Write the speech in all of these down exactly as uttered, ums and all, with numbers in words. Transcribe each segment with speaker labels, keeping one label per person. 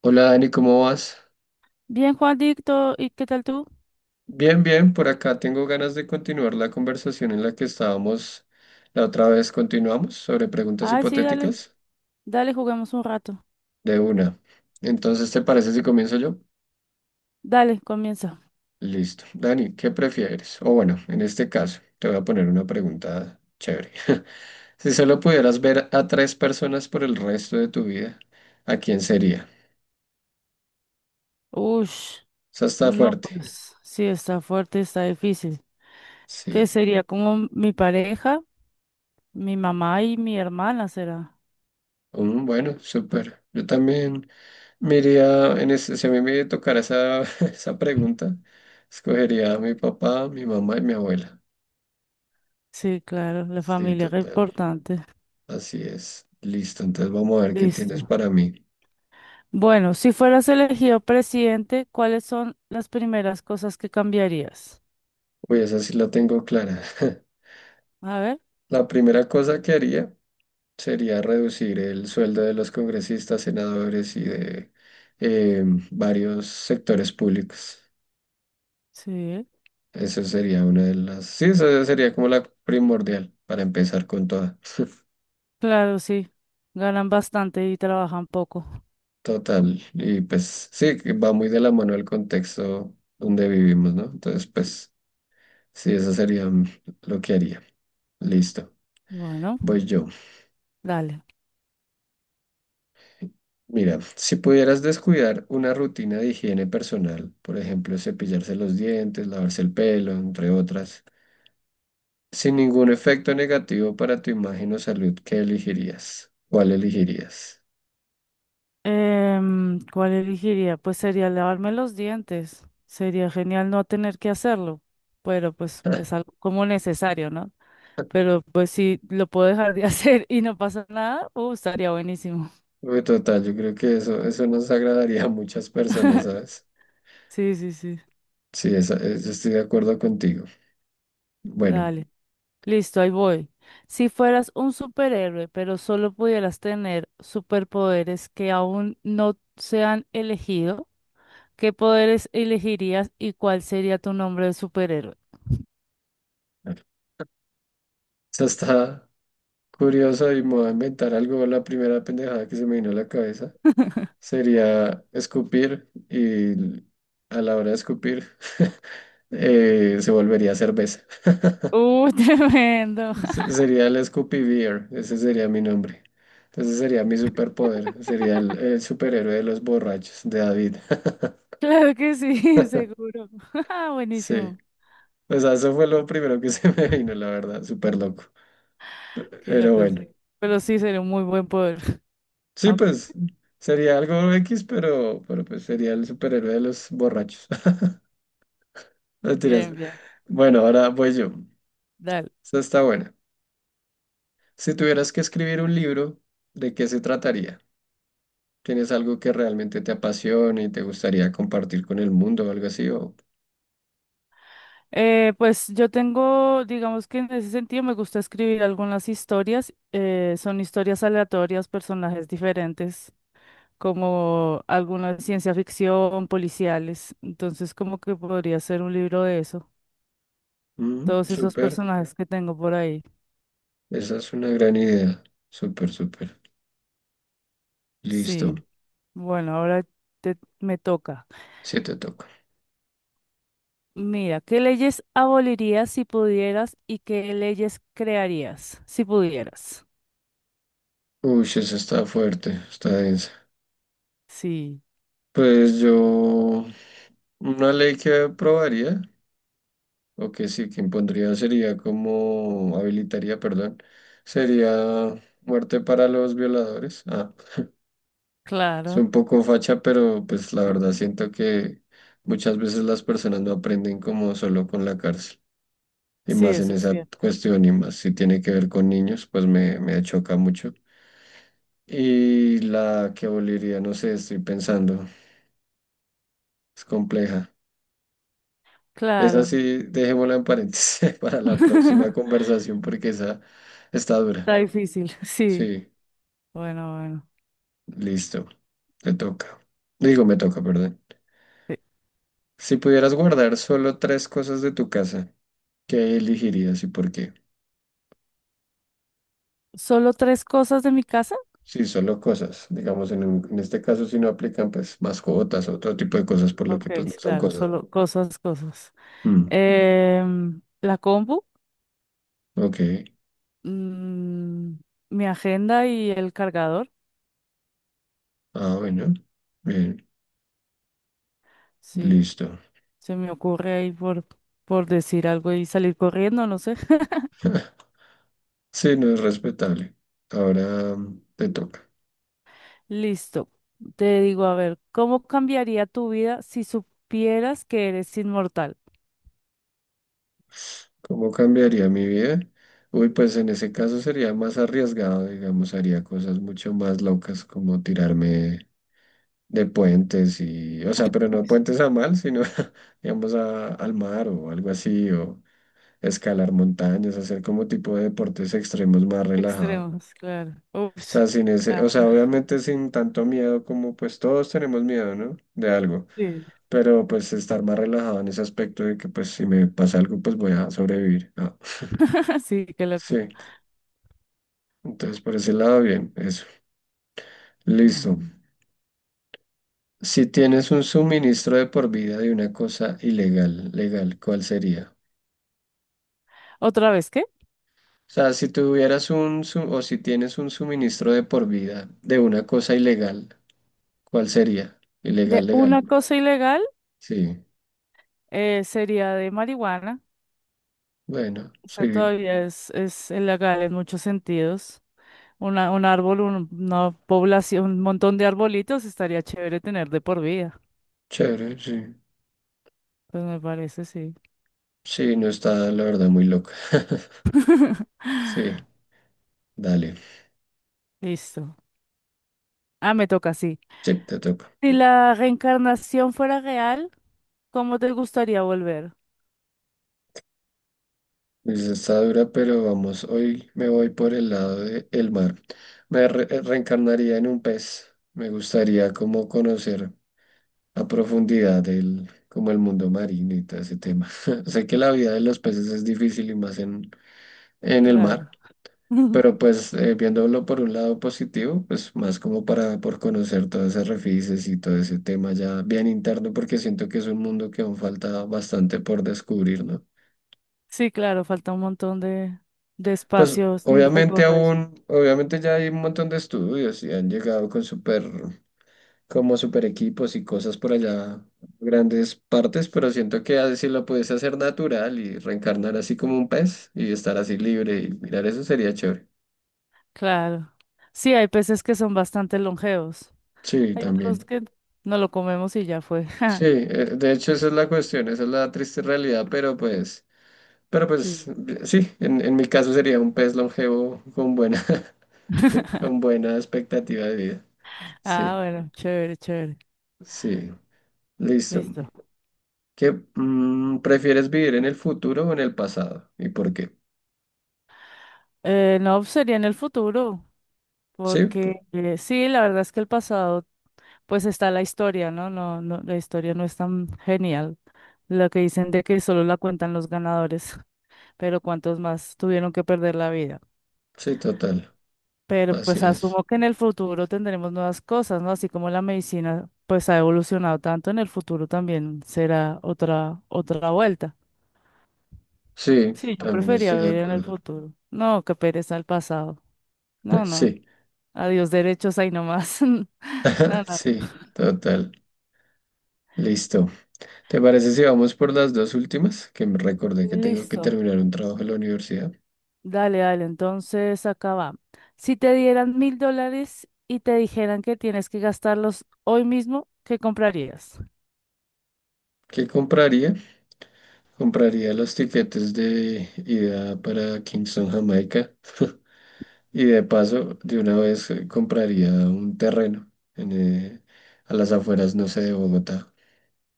Speaker 1: Hola Dani, ¿cómo vas?
Speaker 2: Bien, Juandicto, ¿y qué tal tú?
Speaker 1: Bien, bien, por acá tengo ganas de continuar la conversación en la que estábamos la otra vez. Continuamos sobre preguntas
Speaker 2: Ay, sí, dale,
Speaker 1: hipotéticas
Speaker 2: dale, juguemos un rato.
Speaker 1: de una. Entonces, ¿te parece si comienzo yo?
Speaker 2: Dale, comienza.
Speaker 1: Listo. Dani, ¿qué prefieres? O bueno, en este caso, te voy a poner una pregunta chévere. Si solo pudieras ver a tres personas por el resto de tu vida, ¿a quién sería?
Speaker 2: Ush,
Speaker 1: Esa está
Speaker 2: no,
Speaker 1: fuerte.
Speaker 2: pues sí, está fuerte, está difícil. ¿Qué
Speaker 1: Sí.
Speaker 2: sería? Como mi pareja, mi mamá y mi hermana será.
Speaker 1: Mm, bueno, súper. Yo también. Miría, en ese, si a mí me tocara esa, esa pregunta, escogería a mi papá, mi mamá y mi abuela.
Speaker 2: Sí, claro, la
Speaker 1: Sí,
Speaker 2: familia es
Speaker 1: total.
Speaker 2: importante.
Speaker 1: Así es. Listo, entonces vamos a ver qué tienes
Speaker 2: Listo.
Speaker 1: para mí.
Speaker 2: Bueno, si fueras elegido presidente, ¿cuáles son las primeras cosas que cambiarías?
Speaker 1: Uy, esa sí la tengo clara.
Speaker 2: A ver,
Speaker 1: La primera cosa que haría sería reducir el sueldo de los congresistas, senadores y de eh, varios sectores públicos.
Speaker 2: sí,
Speaker 1: Eso sería una de las... Sí, esa sería como la primordial para empezar con toda.
Speaker 2: claro, sí. Ganan bastante y trabajan poco.
Speaker 1: Total, y pues sí, que va muy de la mano el contexto donde vivimos, ¿no? Entonces, pues sí, eso sería mm, lo que haría. Listo,
Speaker 2: Bueno,
Speaker 1: voy yo.
Speaker 2: dale.
Speaker 1: Mira, si pudieras descuidar una rutina de higiene personal, por ejemplo, cepillarse los dientes, lavarse el pelo, entre otras, sin ningún efecto negativo para tu imagen o salud, ¿qué elegirías? ¿Cuál elegirías?
Speaker 2: Em, ¿cuál elegiría? Pues sería lavarme los dientes. Sería genial no tener que hacerlo, pero pues es algo como necesario, ¿no? Pero pues si lo puedo dejar de hacer y no pasa nada, uh, estaría buenísimo.
Speaker 1: Uy, total, yo creo que eso, eso nos agradaría a muchas personas, ¿sabes?
Speaker 2: Sí, sí, sí.
Speaker 1: Sí, esa- eh, yo estoy de acuerdo contigo. Bueno,
Speaker 2: Dale. Listo, ahí voy. Si fueras un superhéroe, pero solo pudieras tener superpoderes que aún no se han elegido, ¿qué poderes elegirías y cuál sería tu nombre de superhéroe?
Speaker 1: eso está curioso y me voy a inventar algo. La primera pendejada que se me vino a la cabeza sería escupir y a la hora de escupir eh, se volvería cerveza.
Speaker 2: Uh, tremendo.
Speaker 1: Se- Sería el Scoopy Beer, ese sería mi nombre. Entonces sería mi superpoder, sería el, el superhéroe de los borrachos, de David.
Speaker 2: Claro que sí, seguro. Ah,
Speaker 1: Sí,
Speaker 2: buenísimo.
Speaker 1: o sea, eso fue lo primero que se me vino, la verdad, súper loco.
Speaker 2: Qué
Speaker 1: Pero
Speaker 2: loco,
Speaker 1: bueno.
Speaker 2: sí. Pero sí, sería un muy buen poder.
Speaker 1: Sí,
Speaker 2: Ah,
Speaker 1: pues sería algo X, pero, pero pues sería el superhéroe de los borrachos. Mentiras.
Speaker 2: bien, bien.
Speaker 1: Bueno, ahora voy yo.
Speaker 2: Dale.
Speaker 1: Esta está buena. Si tuvieras que escribir un libro, ¿de qué se trataría? ¿Tienes algo que realmente te apasione y te gustaría compartir con el mundo o algo así? O...
Speaker 2: Eh, pues yo tengo, digamos que en ese sentido me gusta escribir algunas historias. eh, son historias aleatorias, personajes diferentes, como algunas de ciencia ficción, policiales. Entonces, como que podría ser un libro de eso.
Speaker 1: Mm,
Speaker 2: Todos esos
Speaker 1: súper.
Speaker 2: personajes que tengo por ahí.
Speaker 1: Esa es una gran idea. Súper, súper.
Speaker 2: Sí.
Speaker 1: Listo.
Speaker 2: Bueno, ahora te, me toca.
Speaker 1: Sí te toca.
Speaker 2: Mira, ¿qué leyes abolirías si pudieras y qué leyes crearías si pudieras?
Speaker 1: Uy, esa está fuerte, está densa.
Speaker 2: Sí,
Speaker 1: Pues yo, una ley que aprobaría. O que sí, que impondría sería como habilitaría, perdón, sería muerte para los violadores. Ah, es
Speaker 2: claro.
Speaker 1: un poco facha, pero pues la verdad siento que muchas veces las personas no aprenden como solo con la cárcel. Y
Speaker 2: Sí,
Speaker 1: más en
Speaker 2: eso es
Speaker 1: esa
Speaker 2: cierto.
Speaker 1: cuestión, y más si tiene que ver con niños, pues me, me choca mucho. Y la que aboliría, no sé, estoy pensando, es compleja. Esa
Speaker 2: Claro.
Speaker 1: sí, dejémosla en paréntesis para la próxima conversación porque esa está dura.
Speaker 2: Está difícil. Sí.
Speaker 1: Sí.
Speaker 2: Bueno, bueno.
Speaker 1: Listo, te toca. Digo, me toca, perdón.
Speaker 2: Sí.
Speaker 1: Si pudieras guardar solo tres cosas de tu casa, ¿qué elegirías y por qué?
Speaker 2: ¿Solo tres cosas de mi casa?
Speaker 1: Sí, solo cosas. Digamos, en, un- en este caso, si no aplican, pues mascotas o otro tipo de cosas, por lo que
Speaker 2: Ok,
Speaker 1: pues no
Speaker 2: sí,
Speaker 1: son
Speaker 2: claro,
Speaker 1: cosas.
Speaker 2: solo cosas, cosas.
Speaker 1: ¿No? Mm,
Speaker 2: Em, la compu,
Speaker 1: ok.
Speaker 2: mm, mi agenda y el cargador.
Speaker 1: Ah, bueno. Bien,
Speaker 2: Sí,
Speaker 1: listo.
Speaker 2: se me ocurre ahí por, por decir algo y salir corriendo, no sé.
Speaker 1: Sí, no es respetable. Ahora mm, te toca.
Speaker 2: Listo. Te digo, a ver, ¿cómo cambiaría tu vida si supieras que eres inmortal?
Speaker 1: ¿Cómo cambiaría mi vida? Uy, pues en ese caso sería más arriesgado, digamos, haría cosas mucho más locas como tirarme de puentes y, o sea, pero no puentes a mal, sino, digamos, a- al mar o algo así, o escalar montañas, hacer como tipo de deportes extremos más relajado.
Speaker 2: Extremos, claro.
Speaker 1: O
Speaker 2: Ups.
Speaker 1: sea, sin ese,
Speaker 2: Ah,
Speaker 1: o sea, obviamente sin tanto miedo como pues todos tenemos miedo, ¿no? De algo,
Speaker 2: sí.
Speaker 1: pero pues estar más relajado en ese aspecto de que pues si me pasa algo pues voy a sobrevivir. Ah,
Speaker 2: Sí, qué
Speaker 1: sí,
Speaker 2: loco.
Speaker 1: entonces por ese lado bien, eso.
Speaker 2: Ay.
Speaker 1: Listo. Si tienes un suministro de por vida de una cosa ilegal, legal, ¿cuál sería?
Speaker 2: Otra vez, ¿qué?
Speaker 1: O sea, si tuvieras un, su- o si tienes un suministro de por vida de una cosa ilegal, ¿cuál sería?
Speaker 2: De
Speaker 1: Ilegal,
Speaker 2: una
Speaker 1: legal.
Speaker 2: cosa ilegal
Speaker 1: Sí,
Speaker 2: eh, sería de marihuana.
Speaker 1: bueno,
Speaker 2: O sea,
Speaker 1: sí,
Speaker 2: todavía es, es ilegal en muchos sentidos. Una, un árbol, un- una población, un montón de arbolitos estaría chévere tener de por vida.
Speaker 1: chévere, sí.
Speaker 2: Pues me parece, sí.
Speaker 1: Sí, no está, la verdad, muy loca. Sí, dale,
Speaker 2: Listo. Ah, me toca, sí.
Speaker 1: sí, te toca.
Speaker 2: Si la reencarnación fuera real, ¿cómo te gustaría volver?
Speaker 1: Pues está dura, pero vamos, hoy me voy por el lado del mar. Me re- reencarnaría en un pez. Me gustaría como conocer a profundidad el, como el mundo marino y todo ese tema. Sé que la vida de los peces es difícil y más en, en el
Speaker 2: Claro.
Speaker 1: mar, pero pues eh, viéndolo por un lado positivo, pues más como para por conocer todos esos refices y todo ese tema ya bien interno, porque siento que es un mundo que aún falta bastante por descubrir, ¿no?
Speaker 2: Sí, claro, falta un montón de, de
Speaker 1: Pues
Speaker 2: espacio sin
Speaker 1: obviamente
Speaker 2: recorrer.
Speaker 1: aún, obviamente ya hay un montón de estudios y han llegado con súper como super equipos y cosas por allá, grandes partes, pero siento que así lo puedes hacer natural y reencarnar así como un pez y estar así libre y mirar eso sería chévere.
Speaker 2: Claro. Sí, hay peces que son bastante longevos.
Speaker 1: Sí,
Speaker 2: Hay otros
Speaker 1: también.
Speaker 2: que no lo comemos y ya fue.
Speaker 1: Sí, eh, de hecho esa es la cuestión, esa es la triste realidad, pero pues, pero pues
Speaker 2: Sí.
Speaker 1: eh, sí, en, en mi caso sería un pez longevo con buena, con buena expectativa de vida.
Speaker 2: Ah,
Speaker 1: Sí,
Speaker 2: bueno, chévere, chévere.
Speaker 1: sí, listo.
Speaker 2: Listo.
Speaker 1: ¿Qué mm, prefieres vivir en el futuro o en el pasado? ¿Y por qué?
Speaker 2: Eh, no, sería en el futuro,
Speaker 1: Sí,
Speaker 2: porque eh, sí, la verdad es que el pasado pues está la historia, ¿no? No, no, la historia no es tan genial. Lo que dicen de que solo la cuentan los ganadores, pero cuántos más tuvieron que perder la vida.
Speaker 1: sí, total,
Speaker 2: Pero
Speaker 1: así
Speaker 2: pues
Speaker 1: es.
Speaker 2: asumo que en el futuro tendremos nuevas cosas, ¿no? Así como la medicina pues ha evolucionado tanto, en el futuro también será otra otra vuelta.
Speaker 1: Sí,
Speaker 2: Sí, yo
Speaker 1: también
Speaker 2: prefería
Speaker 1: estoy de
Speaker 2: vivir en el
Speaker 1: acuerdo.
Speaker 2: futuro. No, qué pereza el pasado. No, no.
Speaker 1: Sí,
Speaker 2: Adiós derechos ahí nomás. No, no.
Speaker 1: sí, total. Listo. ¿Te parece si vamos por las dos últimas? Que me recordé que tengo que
Speaker 2: Listo.
Speaker 1: terminar un trabajo en la universidad.
Speaker 2: Dale, dale, entonces acá va. Si te dieran mil dólares y te dijeran que tienes que gastarlos hoy mismo, ¿qué comprarías?
Speaker 1: ¿Qué compraría? Compraría los tiquetes de ida para Kingston, Jamaica. Y de paso, de una vez eh, compraría un terreno en, eh, a las afueras, no sé, de Bogotá.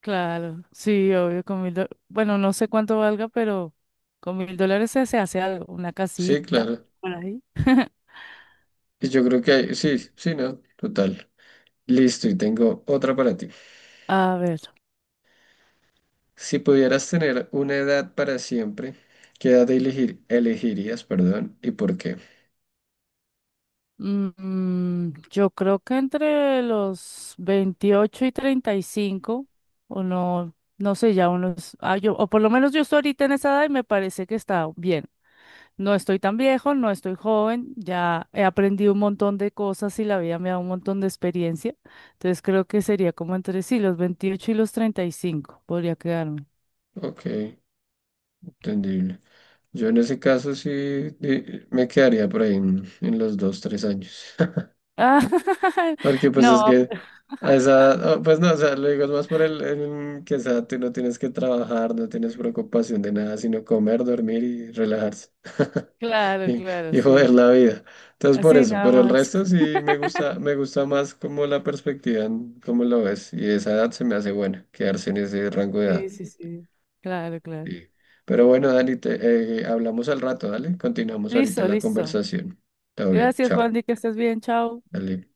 Speaker 2: Claro, sí, obvio, con mil dólares. Bueno, no sé cuánto valga, pero con mil dólares se se hace algo, una
Speaker 1: Sí,
Speaker 2: casita
Speaker 1: claro.
Speaker 2: por ahí.
Speaker 1: Y yo creo que hay, sí, sí, no, total. Listo, y tengo otra para ti.
Speaker 2: A ver,
Speaker 1: Si pudieras tener una edad para siempre, ¿qué edad elegir- elegirías, perdón, y por qué?
Speaker 2: mm, yo creo que entre los veintiocho y treinta y cinco o no, no sé, ya unos, ah, yo, o por lo menos yo estoy ahorita en esa edad y me parece que está bien. No estoy tan viejo, no estoy joven, ya he aprendido un montón de cosas y la vida me da un montón de experiencia. Entonces creo que sería como entre sí, los veintiocho y los treinta y cinco podría quedarme.
Speaker 1: Ok, entendible. Yo en ese caso sí di- me quedaría por ahí en, en los dos, tres años.
Speaker 2: Ah,
Speaker 1: Porque pues es
Speaker 2: no,
Speaker 1: que
Speaker 2: pues,
Speaker 1: a esa edad, oh, pues no, o sea, lo digo es más por el, el que esa edad tú no tienes que trabajar, no tienes preocupación de nada, sino comer, dormir y relajarse.
Speaker 2: claro,
Speaker 1: Y,
Speaker 2: claro,
Speaker 1: y joder
Speaker 2: sí.
Speaker 1: la vida. Entonces por
Speaker 2: Así
Speaker 1: eso,
Speaker 2: nada
Speaker 1: pero el
Speaker 2: más.
Speaker 1: resto sí me gusta, me gusta más como la perspectiva, en cómo lo ves, y esa edad se me hace buena, quedarse en ese rango de edad.
Speaker 2: Sí, sí, sí. Claro, claro.
Speaker 1: Sí. Pero bueno, Dani, te, eh, hablamos al rato, dale, continuamos ahorita
Speaker 2: Listo,
Speaker 1: la
Speaker 2: listo.
Speaker 1: conversación. Todo bien,
Speaker 2: Gracias, Juan,
Speaker 1: chao,
Speaker 2: que estés bien, chao.
Speaker 1: dale.